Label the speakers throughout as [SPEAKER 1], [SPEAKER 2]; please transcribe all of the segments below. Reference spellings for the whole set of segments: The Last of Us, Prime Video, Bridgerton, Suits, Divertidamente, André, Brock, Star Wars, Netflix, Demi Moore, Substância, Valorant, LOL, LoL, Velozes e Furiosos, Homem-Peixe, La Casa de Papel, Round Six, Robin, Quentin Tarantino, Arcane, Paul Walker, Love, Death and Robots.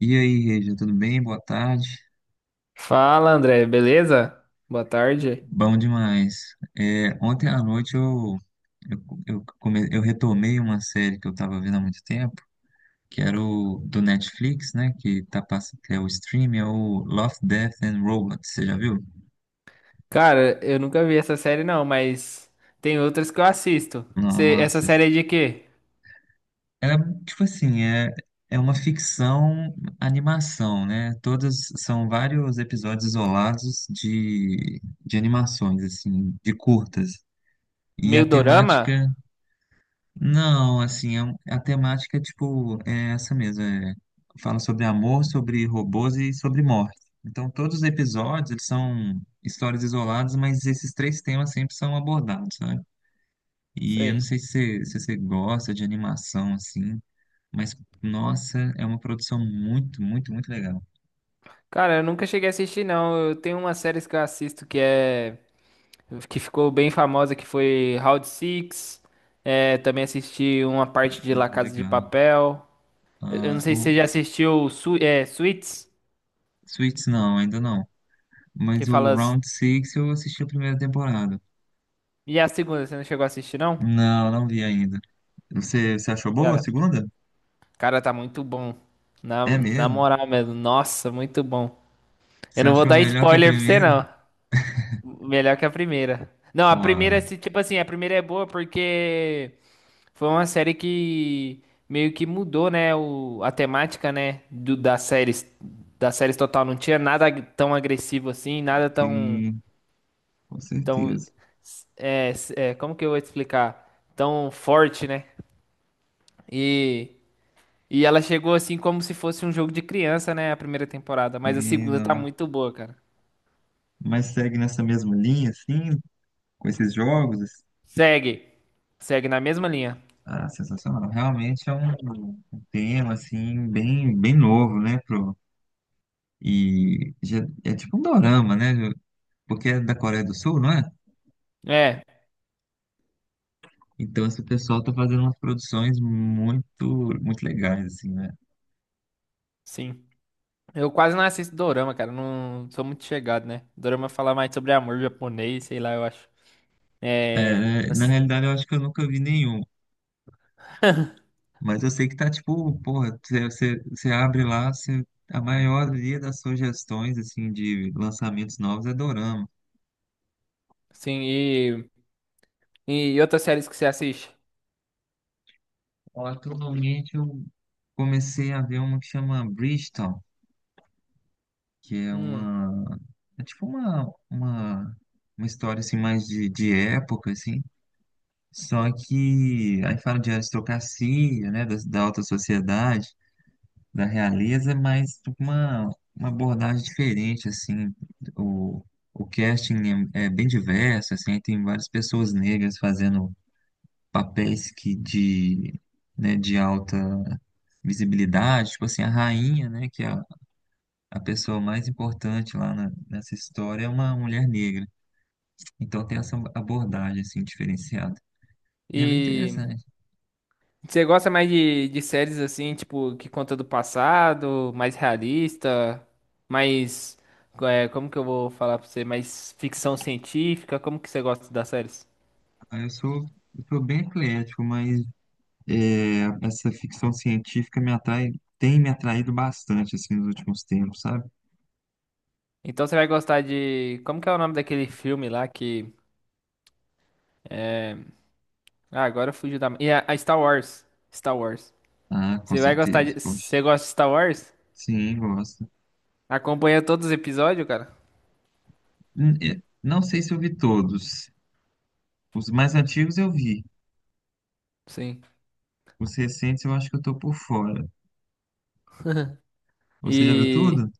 [SPEAKER 1] E aí, Regia, tudo bem? Boa tarde.
[SPEAKER 2] Fala, André, beleza? Boa tarde.
[SPEAKER 1] Bom demais. Ontem à noite eu retomei uma série que eu estava vendo há muito tempo, que era o do Netflix, né? Que é o stream, é o Love, Death and Robots. Você já viu?
[SPEAKER 2] Cara, eu nunca vi essa série não, mas tem outras que eu assisto. Essa
[SPEAKER 1] Nossa.
[SPEAKER 2] série é de quê?
[SPEAKER 1] É, tipo assim, é uma ficção animação, né? Todas são vários episódios isolados de animações, assim, de curtas. E a
[SPEAKER 2] Meio dorama?
[SPEAKER 1] temática. Não, assim, é a temática, tipo, é essa mesmo. Fala sobre amor, sobre robôs e sobre morte. Então, todos os episódios, eles são histórias isoladas, mas esses três temas sempre são abordados, sabe? E eu não
[SPEAKER 2] Sei.
[SPEAKER 1] sei se você gosta de animação, assim, mas, nossa, é uma produção muito, muito, muito legal.
[SPEAKER 2] Cara, eu nunca cheguei a assistir não. Eu tenho umas séries que eu assisto que ficou bem famosa que foi Round Six. É, também assisti uma parte de La
[SPEAKER 1] Ah,
[SPEAKER 2] Casa de
[SPEAKER 1] legal.
[SPEAKER 2] Papel. Eu não
[SPEAKER 1] Ah,
[SPEAKER 2] sei se você
[SPEAKER 1] o
[SPEAKER 2] já assistiu Suits,
[SPEAKER 1] Suits, não, ainda não.
[SPEAKER 2] que
[SPEAKER 1] Mas o
[SPEAKER 2] fala.
[SPEAKER 1] Round Six eu assisti a primeira temporada.
[SPEAKER 2] E a segunda, você não chegou a assistir não?
[SPEAKER 1] Não, não vi ainda. Você achou boa a segunda?
[SPEAKER 2] Cara, tá muito bom. Na,
[SPEAKER 1] É
[SPEAKER 2] na
[SPEAKER 1] mesmo?
[SPEAKER 2] moral mesmo. Nossa, muito bom. Eu
[SPEAKER 1] Você
[SPEAKER 2] não vou
[SPEAKER 1] achou
[SPEAKER 2] dar
[SPEAKER 1] melhor que a
[SPEAKER 2] spoiler pra você,
[SPEAKER 1] primeira?
[SPEAKER 2] não. Melhor que a primeira. Não, a primeira,
[SPEAKER 1] Claro,
[SPEAKER 2] tipo assim, a primeira é boa porque foi uma série que meio que mudou, né, a temática, né, das séries total. Não tinha nada tão agressivo assim, nada tão,
[SPEAKER 1] sim, com
[SPEAKER 2] tão,
[SPEAKER 1] certeza.
[SPEAKER 2] como que eu vou te explicar? Tão forte, né? E e ela chegou assim como se fosse um jogo de criança, né? A primeira temporada. Mas a
[SPEAKER 1] Sim,
[SPEAKER 2] segunda tá
[SPEAKER 1] não.
[SPEAKER 2] muito boa, cara.
[SPEAKER 1] Mas segue nessa mesma linha, assim, com esses jogos, assim?
[SPEAKER 2] Segue. Segue na mesma linha.
[SPEAKER 1] Ah, sensacional. Realmente é um tema, assim, bem, bem novo, né? Pro... É tipo um dorama, né? Porque é da Coreia do Sul, não é?
[SPEAKER 2] É,
[SPEAKER 1] Então esse pessoal tá fazendo umas produções muito, muito legais, assim, né?
[SPEAKER 2] sim. Eu quase não assisto dorama, cara. Não sou muito chegado, né? Dorama fala mais sobre amor japonês, sei lá, eu acho. É.
[SPEAKER 1] É, na
[SPEAKER 2] mas,
[SPEAKER 1] realidade, eu acho que eu nunca vi nenhum. Mas eu sei que tá tipo, porra, você abre lá, a maioria das sugestões assim de lançamentos novos é dorama.
[SPEAKER 2] Sim, e. E outras séries que você assiste?
[SPEAKER 1] Ó, atualmente eu comecei a ver uma que chama Bridgerton, que é
[SPEAKER 2] Hum.
[SPEAKER 1] uma, é tipo uma história assim mais de época assim. Só que aí fala de aristocracia, né, da alta sociedade, da realeza, mas uma abordagem diferente, assim, o, o casting é, é bem diverso, assim, tem várias pessoas negras fazendo papéis que de, né, de alta visibilidade, tipo assim, a rainha, né, a pessoa mais importante nessa história é uma mulher negra, então tem essa abordagem, assim, diferenciada, e é bem
[SPEAKER 2] E.
[SPEAKER 1] interessante.
[SPEAKER 2] Você gosta mais de séries assim, tipo, que conta do passado, mais realista, mais. É, como que eu vou falar pra você? Mais ficção científica? Como que você gosta das séries?
[SPEAKER 1] Ah, eu sou bem eclético, mas é, essa ficção científica me atrai, tem me atraído bastante assim nos últimos tempos, sabe?
[SPEAKER 2] Então você vai gostar de. Como que é o nome daquele filme lá que. Ah, agora fugiu da. E a Star Wars. Star Wars.
[SPEAKER 1] Ah, com
[SPEAKER 2] Você vai gostar
[SPEAKER 1] certeza,
[SPEAKER 2] de.
[SPEAKER 1] poxa.
[SPEAKER 2] Você gosta de Star Wars?
[SPEAKER 1] Sim, gosto.
[SPEAKER 2] Acompanha todos os episódios, cara?
[SPEAKER 1] Não sei se eu vi todos. Os mais antigos eu vi.
[SPEAKER 2] Sim.
[SPEAKER 1] Os recentes eu acho que eu tô por fora. Você já viu
[SPEAKER 2] E.
[SPEAKER 1] tudo?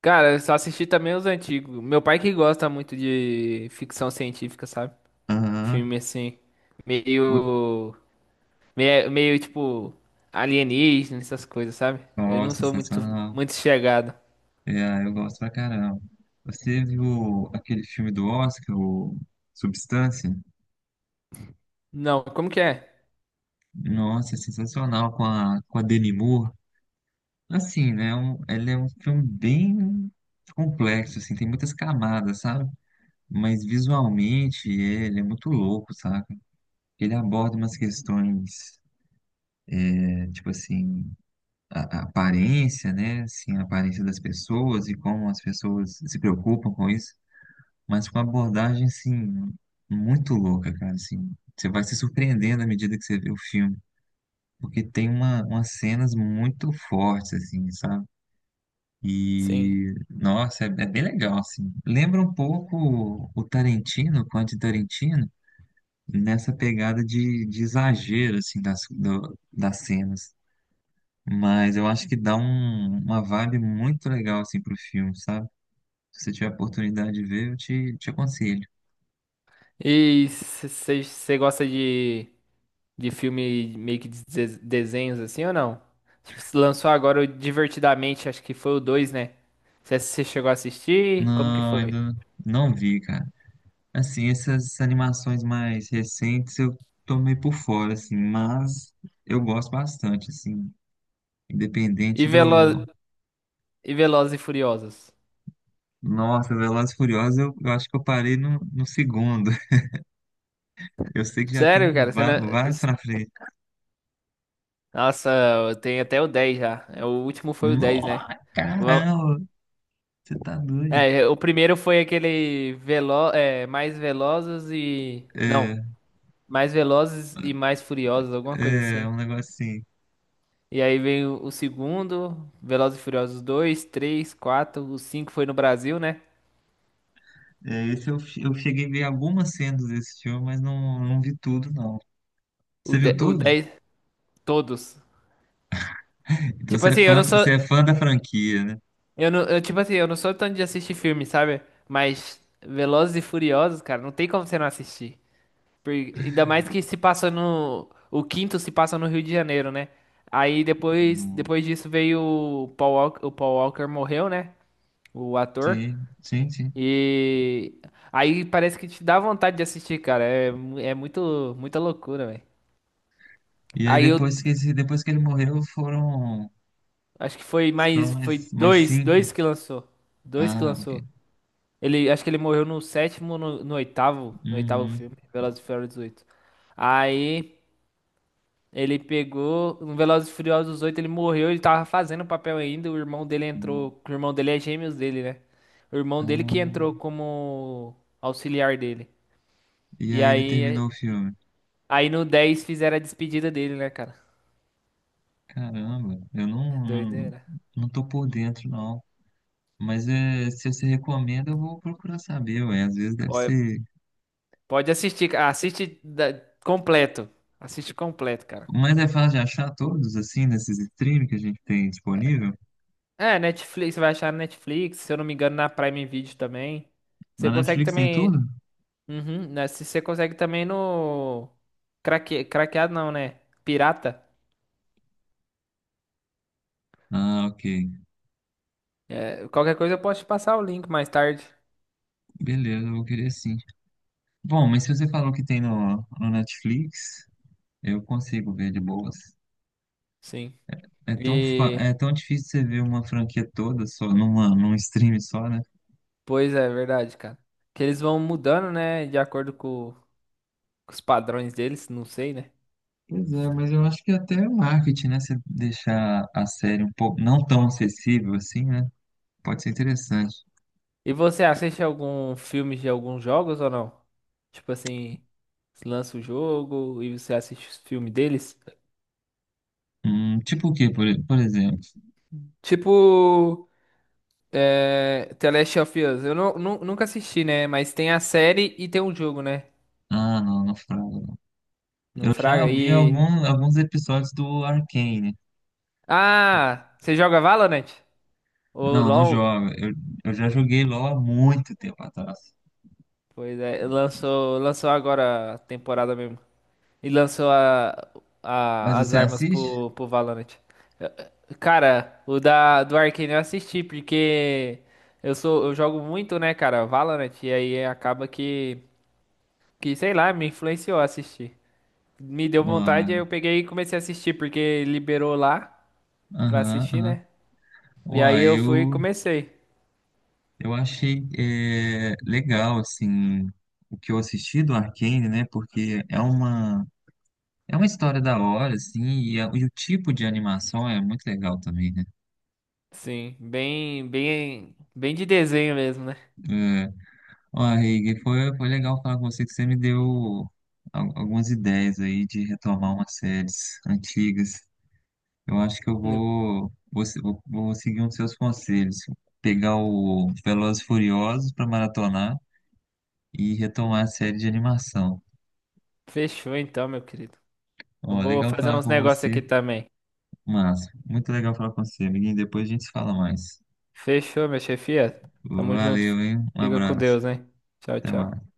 [SPEAKER 2] Cara, eu só assisti também os antigos. Meu pai que gosta muito de ficção científica, sabe?
[SPEAKER 1] Aham.
[SPEAKER 2] Filme assim,
[SPEAKER 1] Vo-
[SPEAKER 2] meio, meio tipo alienígena, essas coisas, sabe? Eu
[SPEAKER 1] Ó,
[SPEAKER 2] não sou muito,
[SPEAKER 1] sensacional.
[SPEAKER 2] muito chegado.
[SPEAKER 1] É, eu gosto pra caramba. Você viu aquele filme do Oscar, o Substância?
[SPEAKER 2] Não, como que é?
[SPEAKER 1] Nossa, é sensacional com a Demi Moore. Assim, né? Ele é um filme bem complexo, assim, tem muitas camadas, sabe? Mas visualmente ele é muito louco, sabe? Ele aborda umas questões, tipo assim, a aparência, né? Assim, a aparência das pessoas e como as pessoas se preocupam com isso, mas com uma abordagem, assim, muito louca, cara, assim. Você vai se surpreendendo à medida que você vê o filme, porque tem uma, umas cenas muito fortes, assim, sabe?
[SPEAKER 2] Sim.
[SPEAKER 1] E, nossa, é, é bem legal, assim. Lembra um pouco o Tarantino, o Quentin Tarantino, nessa pegada de exagero, assim, das, das cenas. Mas eu acho que dá uma vibe muito legal, assim, pro filme, sabe? Se você tiver a oportunidade de ver, te aconselho.
[SPEAKER 2] E você gosta de filme meio que de desenhos assim ou não? Tipo, se lançou agora o Divertidamente, acho que foi o dois, né? Você chegou a assistir? Como que
[SPEAKER 1] Não,
[SPEAKER 2] foi?
[SPEAKER 1] ainda não vi, cara. Assim, essas animações mais recentes eu tô meio por fora, assim, mas eu gosto bastante, assim,
[SPEAKER 2] E,
[SPEAKER 1] independente
[SPEAKER 2] Velo
[SPEAKER 1] do...
[SPEAKER 2] e Velozes e Furiosos.
[SPEAKER 1] Nossa, Velozes e Furiosos, eu acho que eu parei no segundo. Eu sei que já
[SPEAKER 2] Sério,
[SPEAKER 1] tem
[SPEAKER 2] cara? Você não...
[SPEAKER 1] vários pra frente.
[SPEAKER 2] Nossa, eu tenho até o 10 já. É, o último foi o 10, né?
[SPEAKER 1] Nossa,
[SPEAKER 2] Vam-
[SPEAKER 1] caramba, você tá doido.
[SPEAKER 2] É, o primeiro foi aquele mais velozes e. Não,
[SPEAKER 1] É,
[SPEAKER 2] mais velozes e mais furiosos, alguma coisa
[SPEAKER 1] é
[SPEAKER 2] assim.
[SPEAKER 1] um negócio assim.
[SPEAKER 2] E aí veio o segundo, Velozes e Furiosos dois, 3, 4, o 5 foi no Brasil, né?
[SPEAKER 1] É, esse eu, eu cheguei a ver algumas cenas desse filme, mas não, não vi tudo, não. Você viu
[SPEAKER 2] O
[SPEAKER 1] tudo?
[SPEAKER 2] 10, todos.
[SPEAKER 1] Então
[SPEAKER 2] Tipo assim, eu não sou.
[SPEAKER 1] você é fã da franquia, né?
[SPEAKER 2] Eu não, eu, tipo assim, eu não sou tanto de assistir filme, sabe? Mas Velozes e Furiosos, cara, não tem como você não assistir. Ainda mais que se passa no. O quinto se passa no Rio de Janeiro, né? Aí depois,
[SPEAKER 1] Hum,
[SPEAKER 2] depois disso veio o Paul Walker morreu, né? O ator.
[SPEAKER 1] sim, sim, sim.
[SPEAKER 2] E aí parece que te dá vontade de assistir, cara. É, é muito, muita loucura, velho.
[SPEAKER 1] E aí
[SPEAKER 2] Aí eu
[SPEAKER 1] depois que, depois que ele morreu, foram,
[SPEAKER 2] acho que foi
[SPEAKER 1] foram
[SPEAKER 2] mais. Foi
[SPEAKER 1] mais, mais cinco.
[SPEAKER 2] dois que lançou. Dois que
[SPEAKER 1] Ah, ok.
[SPEAKER 2] lançou. Ele, acho que ele morreu no sétimo, no oitavo, no oitavo
[SPEAKER 1] Uhum.
[SPEAKER 2] filme, Velozes e Furiosos 8. Aí. Ele pegou no Velozes e Furiosos 8, ele morreu, ele tava fazendo o papel ainda, o irmão dele entrou, o irmão dele é gêmeos dele, né? O irmão dele que
[SPEAKER 1] Não.
[SPEAKER 2] entrou como auxiliar dele.
[SPEAKER 1] E
[SPEAKER 2] E
[SPEAKER 1] aí ele
[SPEAKER 2] aí,
[SPEAKER 1] terminou o filme.
[SPEAKER 2] aí no 10 fizeram a despedida dele, né, cara?
[SPEAKER 1] Caramba, eu
[SPEAKER 2] É
[SPEAKER 1] não, não,
[SPEAKER 2] doideira.
[SPEAKER 1] não tô por dentro, não. Mas é, se você recomenda, eu vou procurar saber, ué. Às vezes deve
[SPEAKER 2] Pode,
[SPEAKER 1] ser.
[SPEAKER 2] pode assistir, cara. Completo. Assiste completo, cara.
[SPEAKER 1] Mas é fácil de achar todos, assim, nesses streams que a gente tem disponível?
[SPEAKER 2] É, Netflix, você vai achar na Netflix, se eu não me engano, na Prime Video também.
[SPEAKER 1] Na
[SPEAKER 2] Você consegue
[SPEAKER 1] Netflix tem
[SPEAKER 2] também.
[SPEAKER 1] tudo?
[SPEAKER 2] Uhum, né? Se você consegue também no. Craque... craqueado não, né? Pirata.
[SPEAKER 1] Ah, ok.
[SPEAKER 2] É, qualquer coisa eu posso te passar o link mais tarde.
[SPEAKER 1] Beleza, eu vou querer sim. Bom, mas se você falou que tem no, no Netflix, eu consigo ver de boas.
[SPEAKER 2] Sim.
[SPEAKER 1] É tão,
[SPEAKER 2] E.
[SPEAKER 1] é tão difícil você ver uma franquia toda só numa, num stream só, né?
[SPEAKER 2] Pois é, verdade, cara. Que eles vão mudando, né? De acordo com os padrões deles, não sei, né?
[SPEAKER 1] Pois é, mas eu acho que até o marketing, né? Se deixar a série um pouco não tão acessível assim, né? Pode ser interessante.
[SPEAKER 2] E você assiste algum filme de alguns jogos ou não? Tipo assim, se lança o jogo e você assiste os filmes deles?
[SPEAKER 1] Tipo o quê, por exemplo?
[SPEAKER 2] Tipo. É, The Last of Us. Eu não, nu- Nunca assisti, né? Mas tem a série e tem o jogo, né?
[SPEAKER 1] Ah, não, não fraga, não.
[SPEAKER 2] Não
[SPEAKER 1] Eu
[SPEAKER 2] fraga
[SPEAKER 1] já vi
[SPEAKER 2] aí.
[SPEAKER 1] algum, alguns episódios do Arcane.
[SPEAKER 2] Ah, você joga Valorant? Ou
[SPEAKER 1] Não, não
[SPEAKER 2] LoL?
[SPEAKER 1] joga. Eu já joguei LOL há muito tempo atrás.
[SPEAKER 2] Pois é, lançou, lançou agora a temporada mesmo. E lançou
[SPEAKER 1] Mas
[SPEAKER 2] as
[SPEAKER 1] você
[SPEAKER 2] armas
[SPEAKER 1] assiste?
[SPEAKER 2] pro Valorant. Eh, Cara, o do Arcane eu assisti, porque eu jogo muito, né, cara, Valorant, e aí acaba que, sei lá, me influenciou a assistir. Me deu vontade,
[SPEAKER 1] Uai,
[SPEAKER 2] aí eu peguei e comecei a assistir, porque liberou lá pra
[SPEAKER 1] aham,
[SPEAKER 2] assistir,
[SPEAKER 1] aham.
[SPEAKER 2] né? E aí
[SPEAKER 1] Uai,
[SPEAKER 2] eu fui e
[SPEAKER 1] eu,
[SPEAKER 2] comecei.
[SPEAKER 1] eu achei é, legal, assim, o que eu assisti do Arcane, né? Porque é uma... É uma história da hora, assim, e, e o tipo de animação é muito legal também, né?
[SPEAKER 2] Sim, bem, bem, bem de desenho mesmo, né?
[SPEAKER 1] É, ó, Reig, foi, foi legal falar com você que você me deu algumas ideias aí de retomar umas séries antigas. Eu acho que eu
[SPEAKER 2] Hum.
[SPEAKER 1] vou, vou, se- vou- vou seguir um dos seus conselhos, pegar o Velozes e Furiosos para maratonar e retomar a série de animação.
[SPEAKER 2] Fechou então, meu querido. Eu
[SPEAKER 1] Ó,
[SPEAKER 2] vou
[SPEAKER 1] legal
[SPEAKER 2] fazer
[SPEAKER 1] falar
[SPEAKER 2] uns
[SPEAKER 1] com
[SPEAKER 2] negócios
[SPEAKER 1] você,
[SPEAKER 2] aqui também.
[SPEAKER 1] Márcio. Muito legal falar com você, amiguinho. Depois a gente se fala mais.
[SPEAKER 2] Fechou, minha chefia. Tamo junto. Fi.
[SPEAKER 1] Valeu, hein? Um
[SPEAKER 2] Fica com
[SPEAKER 1] abraço.
[SPEAKER 2] Deus, hein? Tchau,
[SPEAKER 1] Até
[SPEAKER 2] tchau.
[SPEAKER 1] mais.